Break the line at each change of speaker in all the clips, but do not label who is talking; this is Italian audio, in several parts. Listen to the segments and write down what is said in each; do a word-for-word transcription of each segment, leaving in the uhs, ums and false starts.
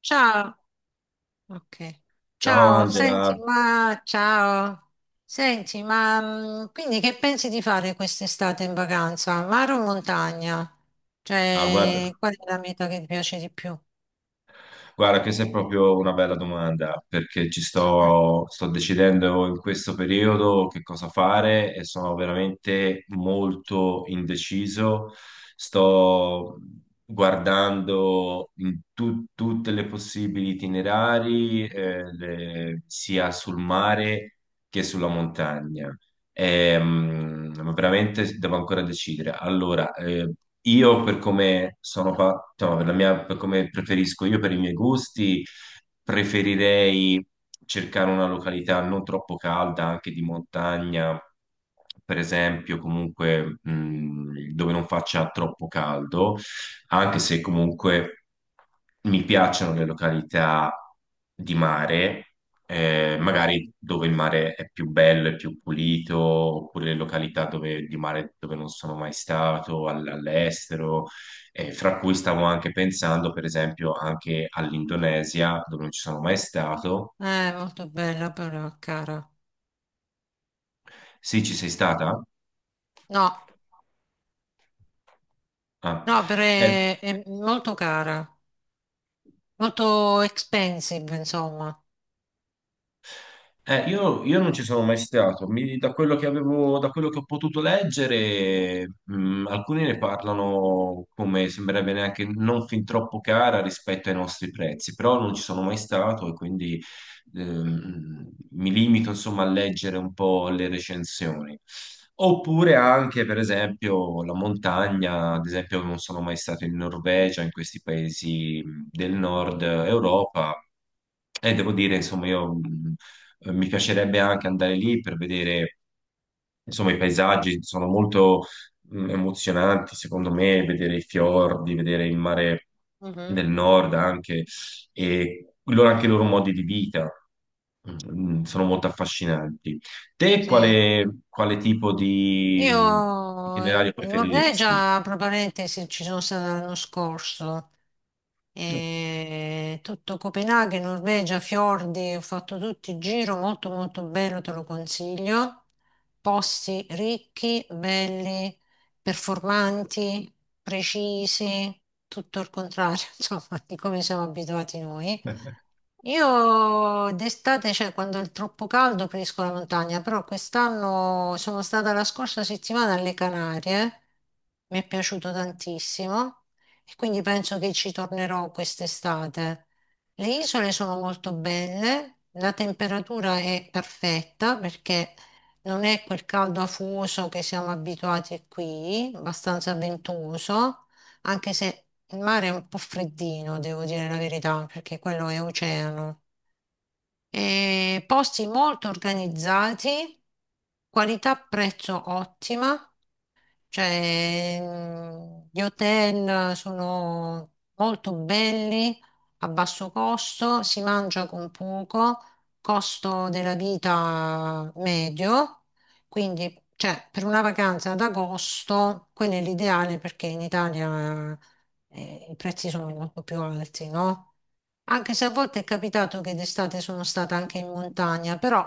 Ciao, ok.
Ciao
Ciao, senti,
Angela,
ma ciao. Senti, ma mh, quindi che pensi di fare quest'estate in vacanza? Mare o montagna?
ah, guarda,
Cioè, qual è la meta che ti piace di più?
guarda, questa è proprio una bella domanda perché ci
Eh,
sto, sto decidendo in questo periodo che cosa fare e sono veramente molto indeciso. Sto guardando in tu- tutte le possibili itinerari, eh, le- sia sul mare che sulla montagna. Ehm, ma veramente devo ancora decidere. Allora, eh, io per come sono fa- cioè, per la mia- per come preferisco io, per i miei gusti, preferirei cercare una località non troppo calda, anche di montagna, per esempio, comunque, mh, dove non faccia troppo caldo anche se comunque mi piacciono le località di mare, eh, magari dove il mare è più bello, è più pulito, oppure le località dove, di mare dove non sono mai stato, all- all'estero, eh, fra cui stavo anche pensando, per esempio, anche all'Indonesia, dove non ci sono mai stato.
è molto bella però, cara.
Sì, ci sei stata?
No,
Ah.
no, però
Eh,
è, è molto cara, molto expensive, insomma.
Eh, io, io non ci sono mai stato. Mi- da quello che avevo, da quello che ho potuto leggere, mh, alcuni ne parlano come sembrerebbe neanche non fin troppo cara rispetto ai nostri prezzi, però non ci sono mai stato e quindi ehm, mi limito insomma a leggere un po' le recensioni. Oppure anche, per esempio, la montagna, ad esempio, non sono mai stato in Norvegia, in questi paesi del nord Europa. E devo dire, insomma, io mm, eh, mi piacerebbe anche andare lì per vedere, insomma, i paesaggi sono molto mm, emozionanti, secondo me, vedere i fiordi, vedere il mare
Mhm.
del nord anche, e loro, anche i loro modi di vita, mm, mm, sono molto affascinanti. Te
Sì.
quale, quale tipo di mm,
Io in
itinerario
in
preferiresti?
Norvegia, tra parentesi, ci sono stata l'anno scorso. E tutto Copenaghen, Norvegia, fiordi, ho fatto tutto il giro, molto molto bello, te lo consiglio. Posti ricchi, belli, performanti, precisi, tutto il contrario, insomma, di come siamo abituati noi. Io d'estate, cioè quando è troppo caldo, preferisco la montagna, però quest'anno sono stata la scorsa settimana alle Canarie, mi è piaciuto tantissimo e quindi penso che ci tornerò quest'estate. Le isole sono molto belle, la temperatura è perfetta perché non è quel caldo afoso che siamo abituati qui, abbastanza ventoso, anche se il mare è un po' freddino, devo dire la verità, perché quello è oceano. E posti molto organizzati, qualità-prezzo ottima, cioè, mh, gli hotel sono molto belli, a basso costo, si mangia con poco, costo della vita medio, quindi cioè, per una vacanza ad agosto, quello è l'ideale perché in Italia eh, i prezzi sono molto più alti, no? Anche se a volte è capitato che d'estate sono stata anche in montagna, però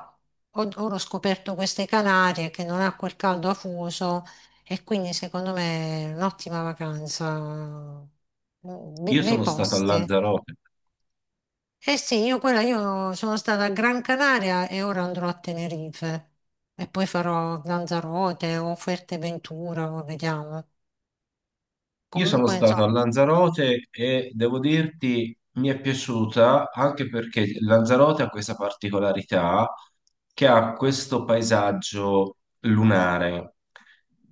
ho- ora ho scoperto queste Canarie che non ha quel caldo afoso e quindi secondo me è un'ottima vacanza. Mm. Be-
Io
bei
sono stato a
posti.
Lanzarote.
Eh sì, io quella, io sono stata a Gran Canaria e ora andrò a Tenerife e poi farò Lanzarote o Fuerteventura, o vediamo.
Io sono
Comunque,
stato a
insomma,
Lanzarote e devo dirti mi è piaciuta anche perché Lanzarote ha questa particolarità che ha questo paesaggio lunare,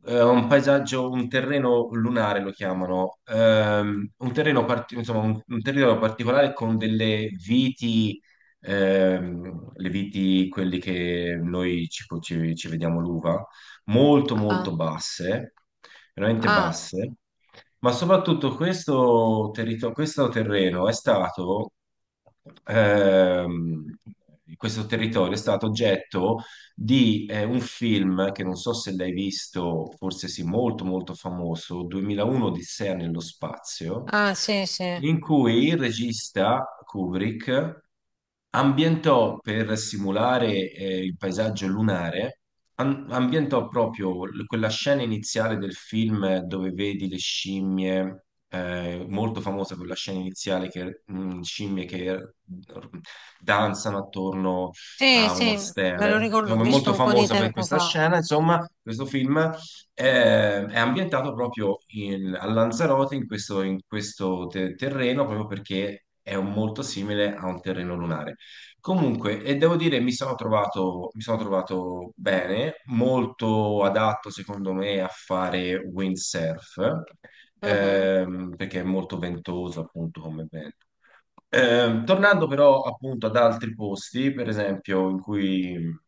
eh, un paesaggio, un terreno lunare lo chiamano, ehm, un terreno, parti- insomma, un, un terreno particolare con delle viti, ehm, le viti, quelli che noi ci, ci- ci vediamo l'uva, molto
ah,
molto basse, veramente
ah,
basse, ma soprattutto questo, territo- questo terreno è stato, ehm, questo territorio è stato oggetto di eh, un film che non so se l'hai visto, forse sì, molto molto famoso, duemila e uno Odissea nello spazio,
ah, sì, sì,
in cui il regista Kubrick ambientò per simulare eh, il paesaggio lunare, am- ambientò proprio l- quella scena iniziale del film eh, dove vedi le scimmie. Eh, molto famosa quella scena iniziale che mh, scimmie che mm, r- danzano attorno
sì,
a uno
sì, me lo
stele.
ricordo, ho
Insomma, è
visto
molto
un po' di
famosa per
tempo
questa
fa.
scena. Insomma, questo film eh, è ambientato proprio in- a Lanzarote, in questo, in questo te- terreno, proprio perché è un- molto simile a un terreno lunare. Comunque, e devo dire, mi sono trovato, mi sono trovato bene, molto adatto secondo me a fare windsurf,
Mhm.
ehm, perché è molto ventoso appunto come vento. Eh, tornando però appunto ad altri posti, per esempio, in cui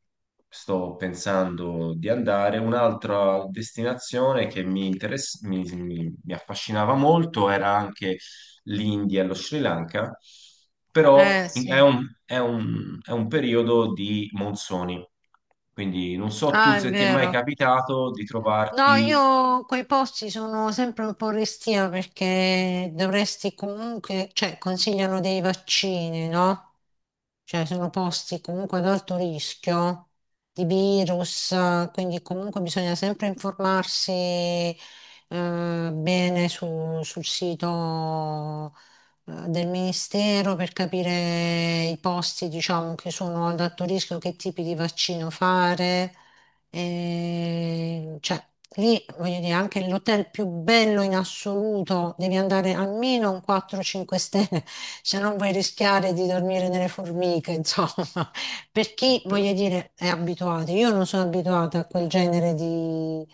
sto pensando di andare, un'altra destinazione che mi, interess- mi, mi- mi affascinava molto era anche l'India e lo Sri Lanka,
Eh
però in- è
sì,
un, è un- è un periodo di monsoni, quindi non so tu
ah, è
se ti è mai
vero.
capitato di
No,
trovarti.
io quei posti sono sempre un po' restia perché dovresti comunque, cioè consigliano dei vaccini, no? Cioè sono posti comunque ad alto rischio di virus, eh, quindi comunque bisogna sempre informarsi, eh, bene su- sul sito, eh, del Ministero per capire i posti, diciamo, che sono ad alto rischio, che tipi di vaccino fare. E, cioè, lì, voglio dire, anche l'hotel più bello in assoluto, devi andare almeno a un quattro cinque stelle, se non vuoi rischiare di dormire nelle formiche, insomma. Per chi, voglio dire, è abituato. Io non sono abituata a quel genere di,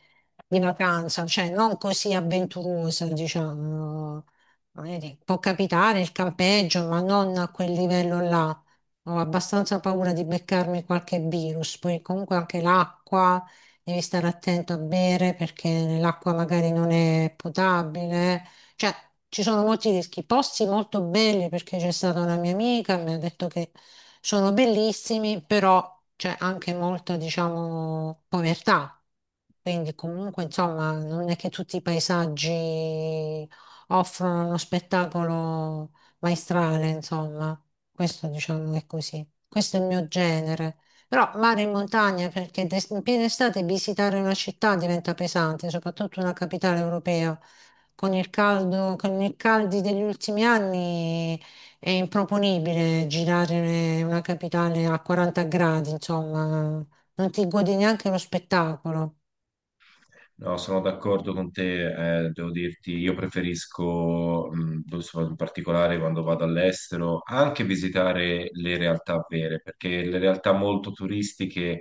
di vacanza, cioè non così avventurosa, diciamo. Voglio dire, può capitare il campeggio, ma non a quel livello là. Ho abbastanza paura di beccarmi qualche virus, poi comunque anche l'acqua, devi stare attento a bere perché l'acqua magari non è potabile. Cioè, ci sono molti rischi. Posti molto belli perché c'è stata una mia amica, mi ha detto che sono bellissimi, però c'è anche molta, diciamo, povertà. Quindi comunque, insomma, non è che tutti i paesaggi offrono uno spettacolo maestrale, insomma. Questo diciamo è così. Questo è il mio genere. Però mare in montagna, perché d'est- in piena estate visitare una città diventa pesante, soprattutto una capitale europea. Con il caldo, con i caldi degli ultimi anni è improponibile girare una capitale a quaranta gradi, insomma, non ti godi neanche lo spettacolo.
No, sono d'accordo con te, eh, devo dirti, io preferisco, mh, in particolare quando vado all'estero, anche visitare le realtà vere, perché le realtà molto turistiche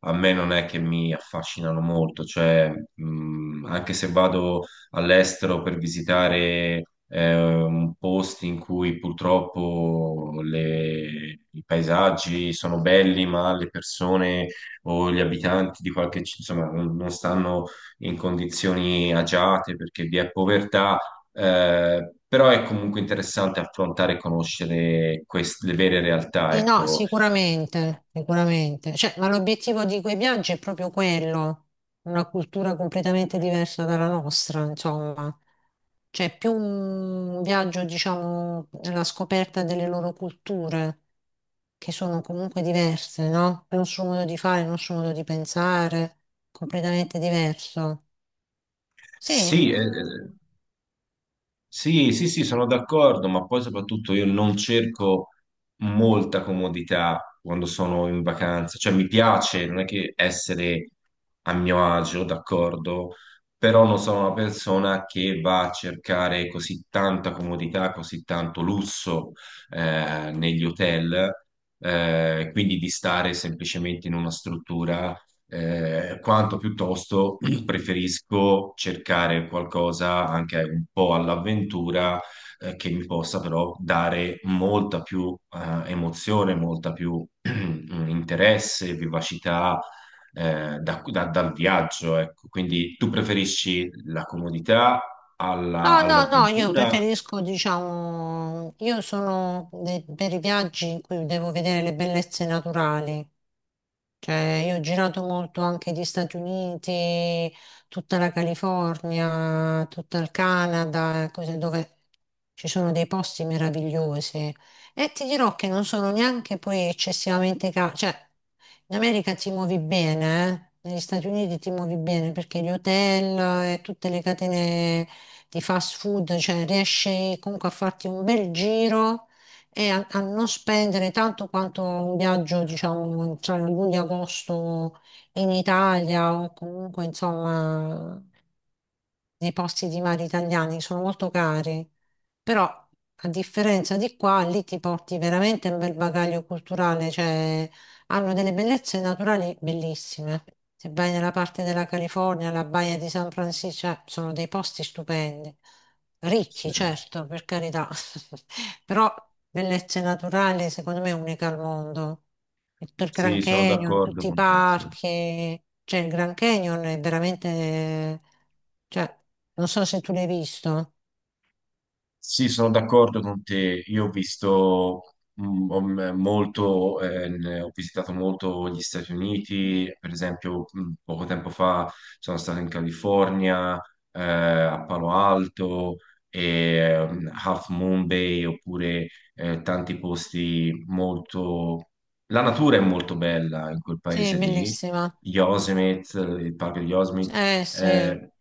a me non è che mi affascinano molto, cioè, mh, anche se vado all'estero per visitare, eh, un posti in cui purtroppo le- i paesaggi sono belli, ma le persone o gli abitanti di qualche, ci- insomma, non non stanno in condizioni agiate perché vi è povertà, eh, però è comunque interessante affrontare e conoscere queste, le vere realtà,
Sì, no,
ecco.
sicuramente, sicuramente. Cioè, ma l'obiettivo di quei viaggi è proprio quello, una cultura completamente diversa dalla nostra, insomma. Cioè, più un viaggio, diciamo, alla scoperta delle loro culture, che sono comunque diverse, no? Il nostro modo di fare, il nostro modo di pensare, completamente diverso. Sì,
Sì, eh,
mm.
eh, Sì, sì, sì, sono d'accordo, ma poi soprattutto io non cerco molta comodità quando sono in vacanza, cioè mi piace, non è che essere a mio agio, d'accordo, però non sono una persona che va a cercare così tanta comodità, così tanto lusso eh, negli hotel, eh, quindi di stare semplicemente in una struttura eh, quanto piuttosto preferisco cercare qualcosa anche un po' all'avventura, eh, che mi possa però dare molta più, eh, emozione, molta più interesse, vivacità, eh, da- da- dal viaggio, ecco. Quindi tu preferisci la comodità alla-
No, no, no, io
all'avventura?
preferisco, diciamo, io sono de- per i viaggi in cui devo vedere le bellezze naturali, cioè, io ho girato molto anche gli Stati Uniti, tutta la California, tutto il Canada, cose dove ci sono dei posti meravigliosi. E ti dirò che non sono neanche poi eccessivamente cari. Cioè, in America ti muovi bene, eh? Negli Stati Uniti ti muovi bene perché gli hotel e tutte le catene di fast food, cioè riesci comunque a farti un bel giro e a, a non spendere tanto quanto un viaggio, diciamo, tra luglio e agosto in Italia o comunque, insomma, nei posti di mare italiani sono molto cari. Però, a differenza di qua, lì ti porti veramente un bel bagaglio culturale, cioè hanno delle bellezze naturali bellissime. Se vai nella parte della California, la baia di San Francisco, cioè, sono dei posti stupendi.
Sì.
Ricchi, certo, per carità, però bellezze naturali secondo me uniche al mondo. E tutto Il Grand
Sì, sono
Canyon,
d'accordo
tutti i
con te, sì.
parchi, cioè il Grand Canyon è veramente, cioè, non so se tu l'hai visto.
Sì, sono d'accordo con te. Io ho visto mm, ho, mm, molto, eh, ne- ho visitato molto gli Stati Uniti, per esempio, mm, poco tempo fa sono stato in California, eh, a Palo Alto, e, mm, Half Moon Bay, oppure eh, tanti posti molto... La natura è molto bella in quel
Sì, è
paese lì,
bellissima.
Yosemite, il parco di Yosemite.
Eh sì,
Eh,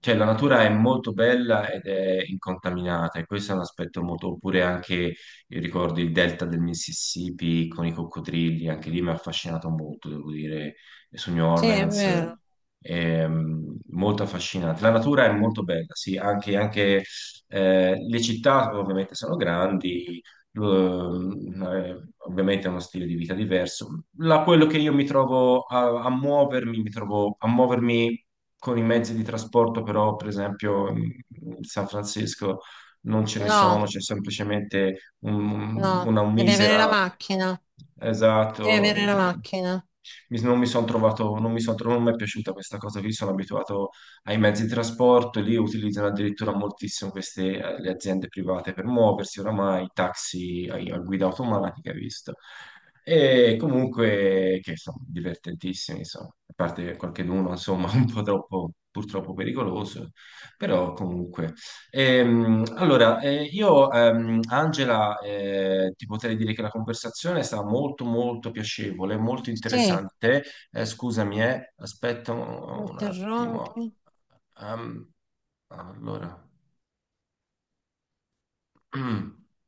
cioè, la natura è molto bella ed è incontaminata, e questo è un aspetto molto. Oppure anche, io ricordo il delta del Mississippi con i coccodrilli, anche lì mi ha affascinato molto, devo dire, su New
sì, è
Orleans,
vero.
ehm, molto affascinante. La natura è molto bella, sì, anche, anche, eh, le città ovviamente sono grandi, lo- eh, ovviamente è uno stile di vita diverso. La- quello che io mi trovo a, a muovermi, mi trovo a muovermi con i mezzi di trasporto, però, per esempio, in in San Francisco non ce ne sono,
No,
c'è semplicemente un-
no,
una
devi avere la
misera.
macchina, devi
Esatto. Eh,
avere la macchina.
mi- non mi sono trovato, non mi son tro- non mi è piaciuta questa cosa qui, sono abituato ai mezzi di trasporto, lì utilizzano addirittura moltissimo queste, eh, le aziende private per muoversi, oramai, taxi a, a guida automatica, hai visto. E comunque, che sono divertentissimi, insomma, a parte qualcheduno, insomma, un po' troppo, purtroppo pericoloso, però comunque. Ehm, allora, eh, io, ehm, Angela, eh, ti potrei dire che la conversazione è stata molto, molto piacevole, molto
Sì,
interessante. Eh, scusami, eh, aspetta un, un
interrompi.
attimo. Ehm, allora.